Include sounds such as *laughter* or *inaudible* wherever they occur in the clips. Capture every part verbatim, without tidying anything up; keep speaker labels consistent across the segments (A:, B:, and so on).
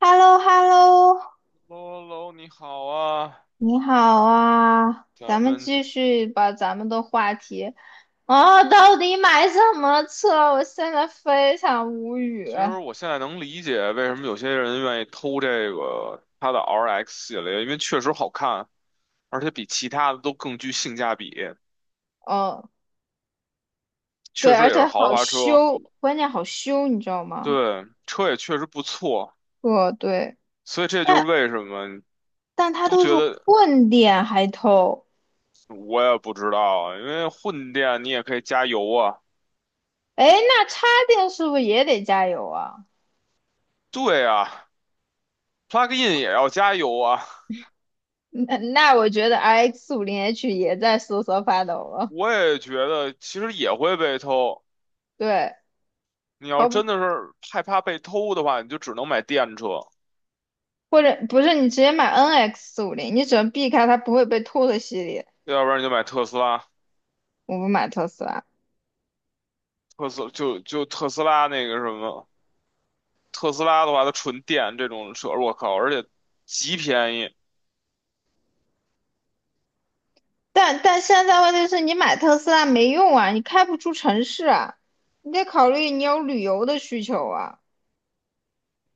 A: h e l l o h e l l o。
B: 喽喽，你好啊，
A: 你好啊，
B: 咱
A: 咱们
B: 们
A: 继续把咱们的话题。哦，到底买什么车？我现在非常无
B: 其
A: 语。
B: 实我现在能理解为什么有些人愿意偷这个它的 R X 系列，因为确实好看，而且比其他的都更具性价比，
A: 嗯，
B: 确
A: 对，
B: 实
A: 而
B: 也
A: 且
B: 是豪
A: 好
B: 华车。
A: 修，关键好修，你知道吗？
B: 对，车也确实不错。
A: 哦，对，
B: 所以这就是
A: 但
B: 为什么
A: 但它
B: 都
A: 都是
B: 觉得
A: 混电还偷，
B: 我也不知道啊，因为混电你也可以加油啊。
A: 哎，那插电是不是也得加油啊？
B: 对啊，plug in 也要加油啊。
A: 那那我觉得 R X 五零 H 也在瑟瑟发抖了。
B: 我也觉得其实也会被偷。
A: 对，
B: 你要真的
A: 好。
B: 是害怕被偷的话，你就只能买电车，
A: 或者不是你直接买 N X 四五零，你只能避开它不会被偷的系列。
B: 要不然你就买特斯拉。
A: 我不买特斯拉，
B: 特斯就就特斯拉那个什么，特斯拉的话，它纯电这种车，我靠，而且极便宜。
A: 但但现在问题是你买特斯拉没用啊，你开不出城市啊，你得考虑你有旅游的需求啊。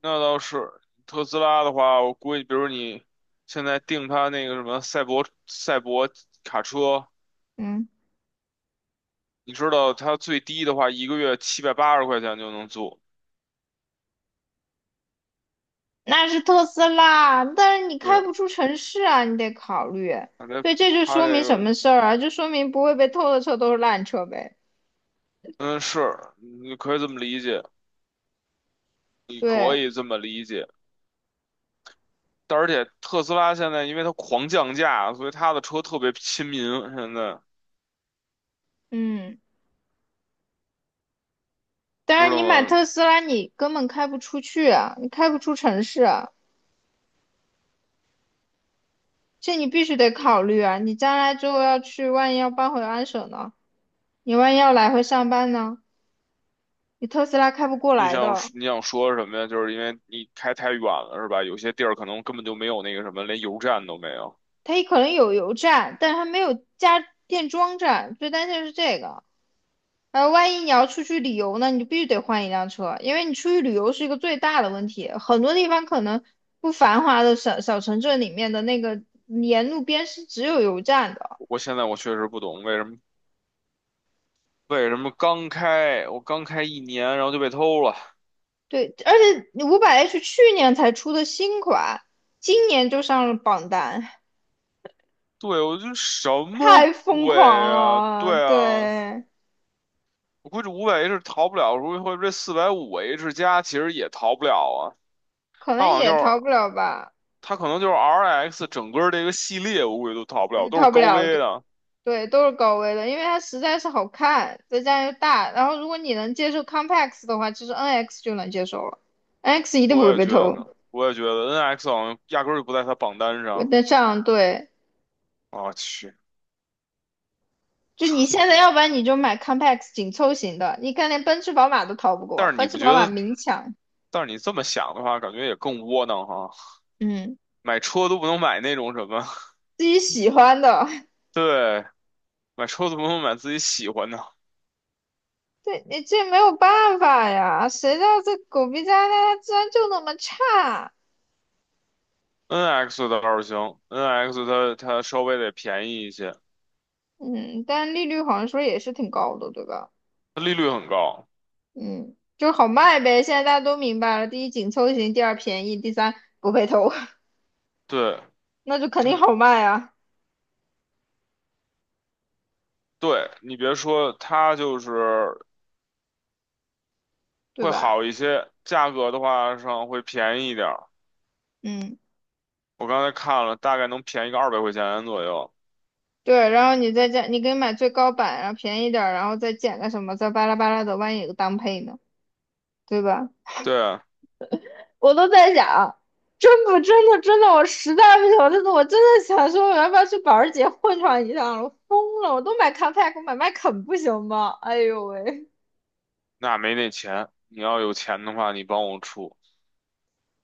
B: 那倒是，特斯拉的话，我估计，比如你现在订它那个什么赛博赛博卡车，
A: 嗯，
B: 你知道它最低的话，一个月七百八十块钱就能租。
A: 那是特斯拉，但是你开
B: 对，
A: 不出城市啊，你得考虑。
B: 反正
A: 对，这就
B: 它
A: 说
B: 这
A: 明什
B: 个，
A: 么事儿啊？就说明不会被偷的车都是烂车呗。
B: 嗯，是，你可以这么理解，你可
A: 对，
B: 以这么理解。但而且特斯拉现在因为它狂降价，所以它的车特别亲民。现在
A: 嗯，但
B: 知
A: 是你
B: 道
A: 买
B: 吗？
A: 特斯拉，你根本开不出去啊，你开不出城市啊。这你必须得考虑啊！你将来之后要去，万一要搬回安省呢？你万一要来回上班呢？你特斯拉开不过
B: 你
A: 来
B: 想
A: 的，
B: 你想说什么呀？就是因为你开太远了，是吧？有些地儿可能根本就没有那个什么，连油站都没有。
A: 它也可能有油站，但是它没有加电桩站，最担心的是这个。呃，万一你要出去旅游呢，你就必须得换一辆车，因为你出去旅游是一个最大的问题。很多地方可能不繁华的小小城镇里面的那个沿路边是只有油站的，
B: 我现在我确实不懂为什么为什么刚开我刚开一年，然后就被偷了。
A: 对，而且五百 H 去年才出的新款，今年就上了榜单。
B: 对，我就什么
A: 太疯
B: 鬼
A: 狂
B: 啊？
A: 了，
B: 对啊，
A: 对，
B: 我估计五百 H 逃不了，如果或者这四百五 H 加其实也逃不了啊。
A: 可
B: 它
A: 能
B: 好像就
A: 也
B: 是
A: 逃不了吧，
B: 它可能就是 R X 整个这个系列，我估计都逃不了，
A: 也
B: 都是
A: 逃不
B: 高
A: 了，
B: 危的。
A: 对，都是高危的，因为它实在是好看，再加上又大，然后如果你能接受 Compax 的话，其实 N X 就能接受了，N X 一定不
B: 我
A: 会
B: 也
A: 被
B: 觉
A: 偷。
B: 得，我也觉得 N X 好像压根儿就不在它榜单上。
A: 那这样对，
B: 我去，
A: 就你现在要不然你就买 Compax 紧凑型的，你看连奔驰、宝马都逃不过，
B: 但是你
A: 奔驰、
B: 不觉
A: 宝马
B: 得？
A: 明抢，
B: 但是你这么想的话，感觉也更窝囊哈。
A: 嗯，
B: 买车都不能买那种什么，*laughs*
A: 自己喜欢的。*laughs*
B: 对，买车都不能买自己喜欢的。
A: 对，你这没有办法呀，谁知道这狗逼家它它居然就那么差？
B: N X 倒是行，N X 它它稍微得便宜一些，
A: 嗯，但利率好像说也是挺高的，对吧？
B: 它利率很高。
A: 嗯，就是好卖呗。现在大家都明白了，第一紧凑型，第二便宜，第三不被偷，
B: 对，
A: *laughs* 那就肯定
B: 它
A: 好卖啊，
B: 对你别说，它就是
A: 对
B: 会
A: 吧？
B: 好一些，价格的话上会便宜一点儿。
A: 嗯，
B: 我刚才看了，大概能便宜个二百块钱左右。
A: 对。然后你再加，你可以买最高版，然后便宜点儿，然后再减个什么，再巴拉巴拉的，万一有个当配呢，对吧？
B: 对啊，
A: 我都在想，真不真的真的，我实在不行，我真的我真的想说，我要不要去保时捷混上一趟了？我疯了，我都买 Compact，我买迈凯不行吗？哎呦喂！
B: 那没那钱，你要有钱的话，你帮我出，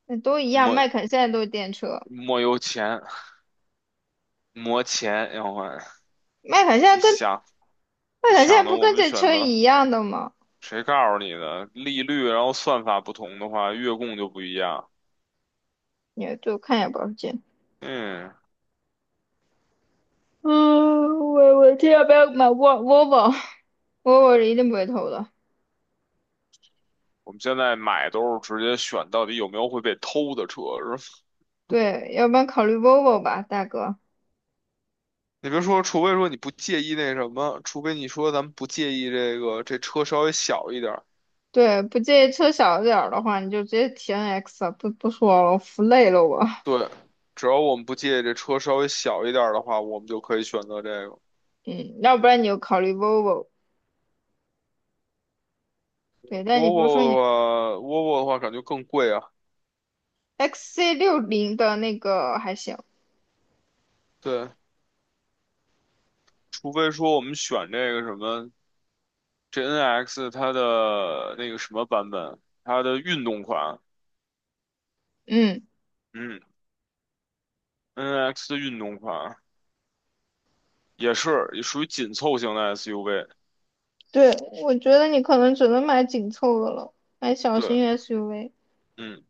A: 那都一样，
B: 没
A: 麦肯现在都是电车，
B: 没有钱，没钱，要换。
A: 麦肯现
B: 你
A: 在跟
B: 想，
A: 麦
B: 你
A: 肯现在
B: 想的
A: 不
B: 我
A: 跟
B: 们
A: 这
B: 选
A: 车
B: 择，
A: 一样的吗？
B: 谁告诉你的？利率，然后算法不同的话，月供就不一样。
A: 也就看也不要见。
B: 嗯，
A: 嗯，我我这要不要买 Vol- v o l v o v o v o *laughs* 是一定不会投的。
B: 我们现在买都是直接选到底有没有会被偷的车。
A: 对，要不然考虑 Volvo 吧，大哥。
B: 你别说，除非说你不介意那什么，除非你说咱们不介意这个这车稍微小一点儿。
A: 对，不介意车小点儿的话，你就直接提 N X 了，不不说了，我服累了我。
B: 对，只要我们不介意这车稍微小一点儿的话，我们就可以选择这个。
A: *laughs* 嗯，要不然你就考虑 Volvo。对，但你不是说
B: Volvo 的
A: 你
B: 话，Volvo 的话感觉更贵啊。
A: x c 六零的那个还行？
B: 对，除非说我们选这个什么这 n x 它的那个什么版本，它的运动款。
A: 嗯。
B: 嗯，N X 的运动款也是也属于紧凑型的 S U V。
A: 对，我觉得你可能只能买紧凑的了，买小
B: 对，
A: 型 S U V。
B: 嗯，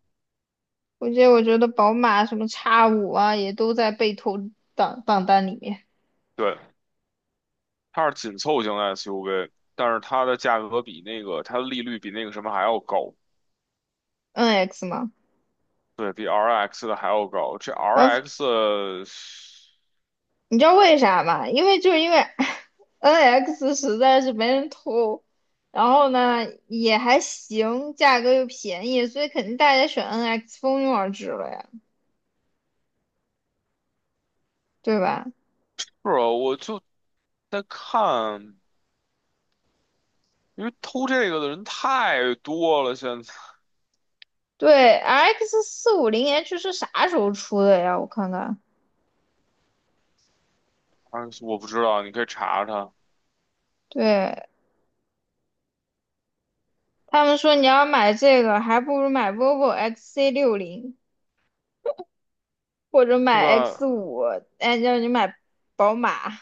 A: 我觉得，我觉得宝马什么叉五啊，也都在被投档榜单里面。
B: 对。它是紧凑型 S U V，但是它的价格比那个它的利率比那个什么还要高。
A: N X 嘛，
B: 对，比 R X 的还要高。这
A: 啊，
B: R X 呃是
A: 你知道为啥吗？因为就是因为 *laughs* N X 实在是没人投，然后呢也还行，价格又便宜，所以肯定大家选 N X 蜂拥而至了呀，对吧？
B: 啊，我就在看，因为偷这个的人太多了，现在
A: 对，R X 四五零 H 是啥时候出的呀？我看看，
B: R X 我不知道，你可以查查，
A: 对，他们说你要买这个，还不如买 vivo X C 六零或者
B: 对
A: 买 X
B: 吧？
A: 五，哎，让你买宝马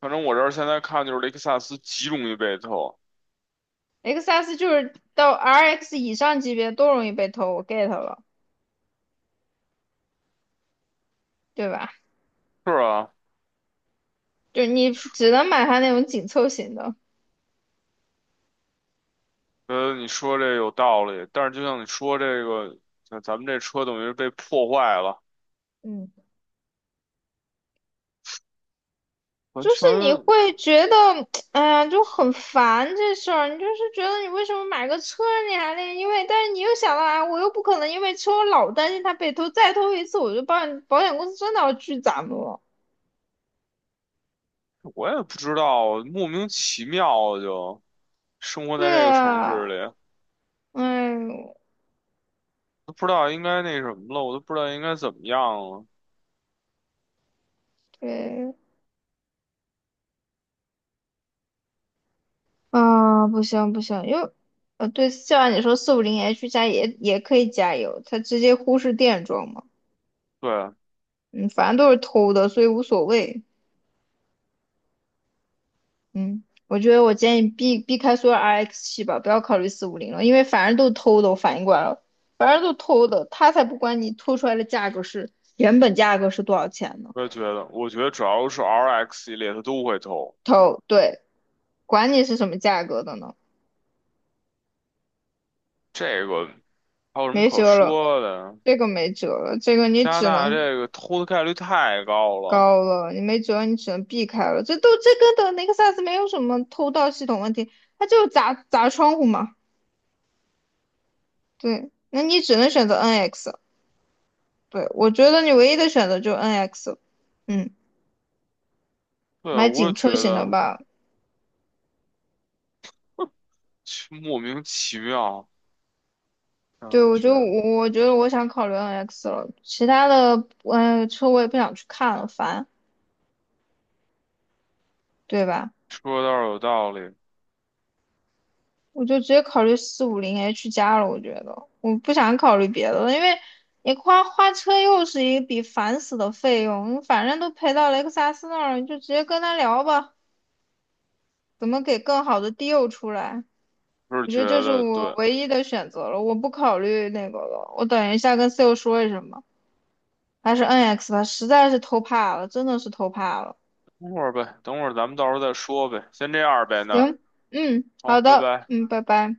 B: 反正我这儿现在看就是雷克萨斯极容易被偷，
A: X S，就是到 R X 以上级别都容易被偷，我 get 了，对吧？
B: 是啊，
A: 就你只能买它那种紧凑型的，
B: 呃，你说这有道理，但是就像你说这个，咱咱们这车等于是被破坏了，
A: 嗯，
B: 完
A: 就是
B: 全。
A: 你会觉得，*tsk* 哎呀，就很烦这事儿，你就是觉得你为什么买个车你还那个，因为，但是你又想到，啊，我又不可能因为车我老担心它被偷，再偷一次我就保险保险公司真的要拒咱们了。
B: 我也不知道，莫名其妙就生活在
A: 对
B: 这个城市
A: 啊，
B: 里，
A: 哎呦，
B: 都不知道应该那什么了，我都不知道应该怎么样了。
A: 对啊，不行不行，因为呃，对，就像你说四五零 H 加也也可以加油，它直接忽视电装嘛，
B: 对，
A: 嗯，反正都是偷的，所以无所谓，嗯，我觉得我建议避避开所有 R X 七吧，不要考虑四五零了，因为反正都是偷的，我反应过来了，反正都偷的，他才不管你偷出来的价格是原本价格是多少钱呢，
B: 我也觉得，我觉得只要是 R X 系列，它都会偷。
A: 偷，对，管你是什么价格的呢，
B: 这个还有什么
A: 没
B: 可
A: 辙了。
B: 说的？
A: 这个没辙了，这个你
B: 加拿
A: 只
B: 大
A: 能
B: 这个偷的概率太高了。
A: 高了，你没辙，你只能避开了。这都这跟的雷克萨斯没有什么偷盗系统问题，它就是砸砸窗户嘛。对，那你只能选择 N X。对，我觉得你唯一的选择就是 N X。嗯，
B: 对，
A: 买
B: 我
A: 紧
B: 也
A: 凑
B: 觉
A: 型的
B: 得
A: 吧。
B: 其莫名其妙，让
A: 对，
B: 人
A: 我
B: 觉
A: 就
B: 得
A: 我我觉得我想考虑 N X 了，其他的嗯、呃车我也不想去看了，烦，对吧？
B: 说的倒是有道理，
A: 我就直接考虑四五零 H 加了，我觉得我不想考虑别的了，因为你花花车又是一笔烦死的费用，反正都赔到雷克萨斯那儿了，你就直接跟他聊吧，怎么给更好的 deal 出来？
B: 就是
A: 我觉
B: 觉
A: 得这是
B: 得
A: 我
B: 对。
A: 唯一的选择了，我不考虑那个了，我等一下跟 sale 说一声吧，还是 N X 吧，实在是偷怕了，真的是偷怕了。
B: 等会儿呗，等会儿咱们到时候再说呗，先这样呗那
A: 行，嗯，
B: 好，
A: 好
B: 拜
A: 的，
B: 拜。
A: 嗯，拜拜。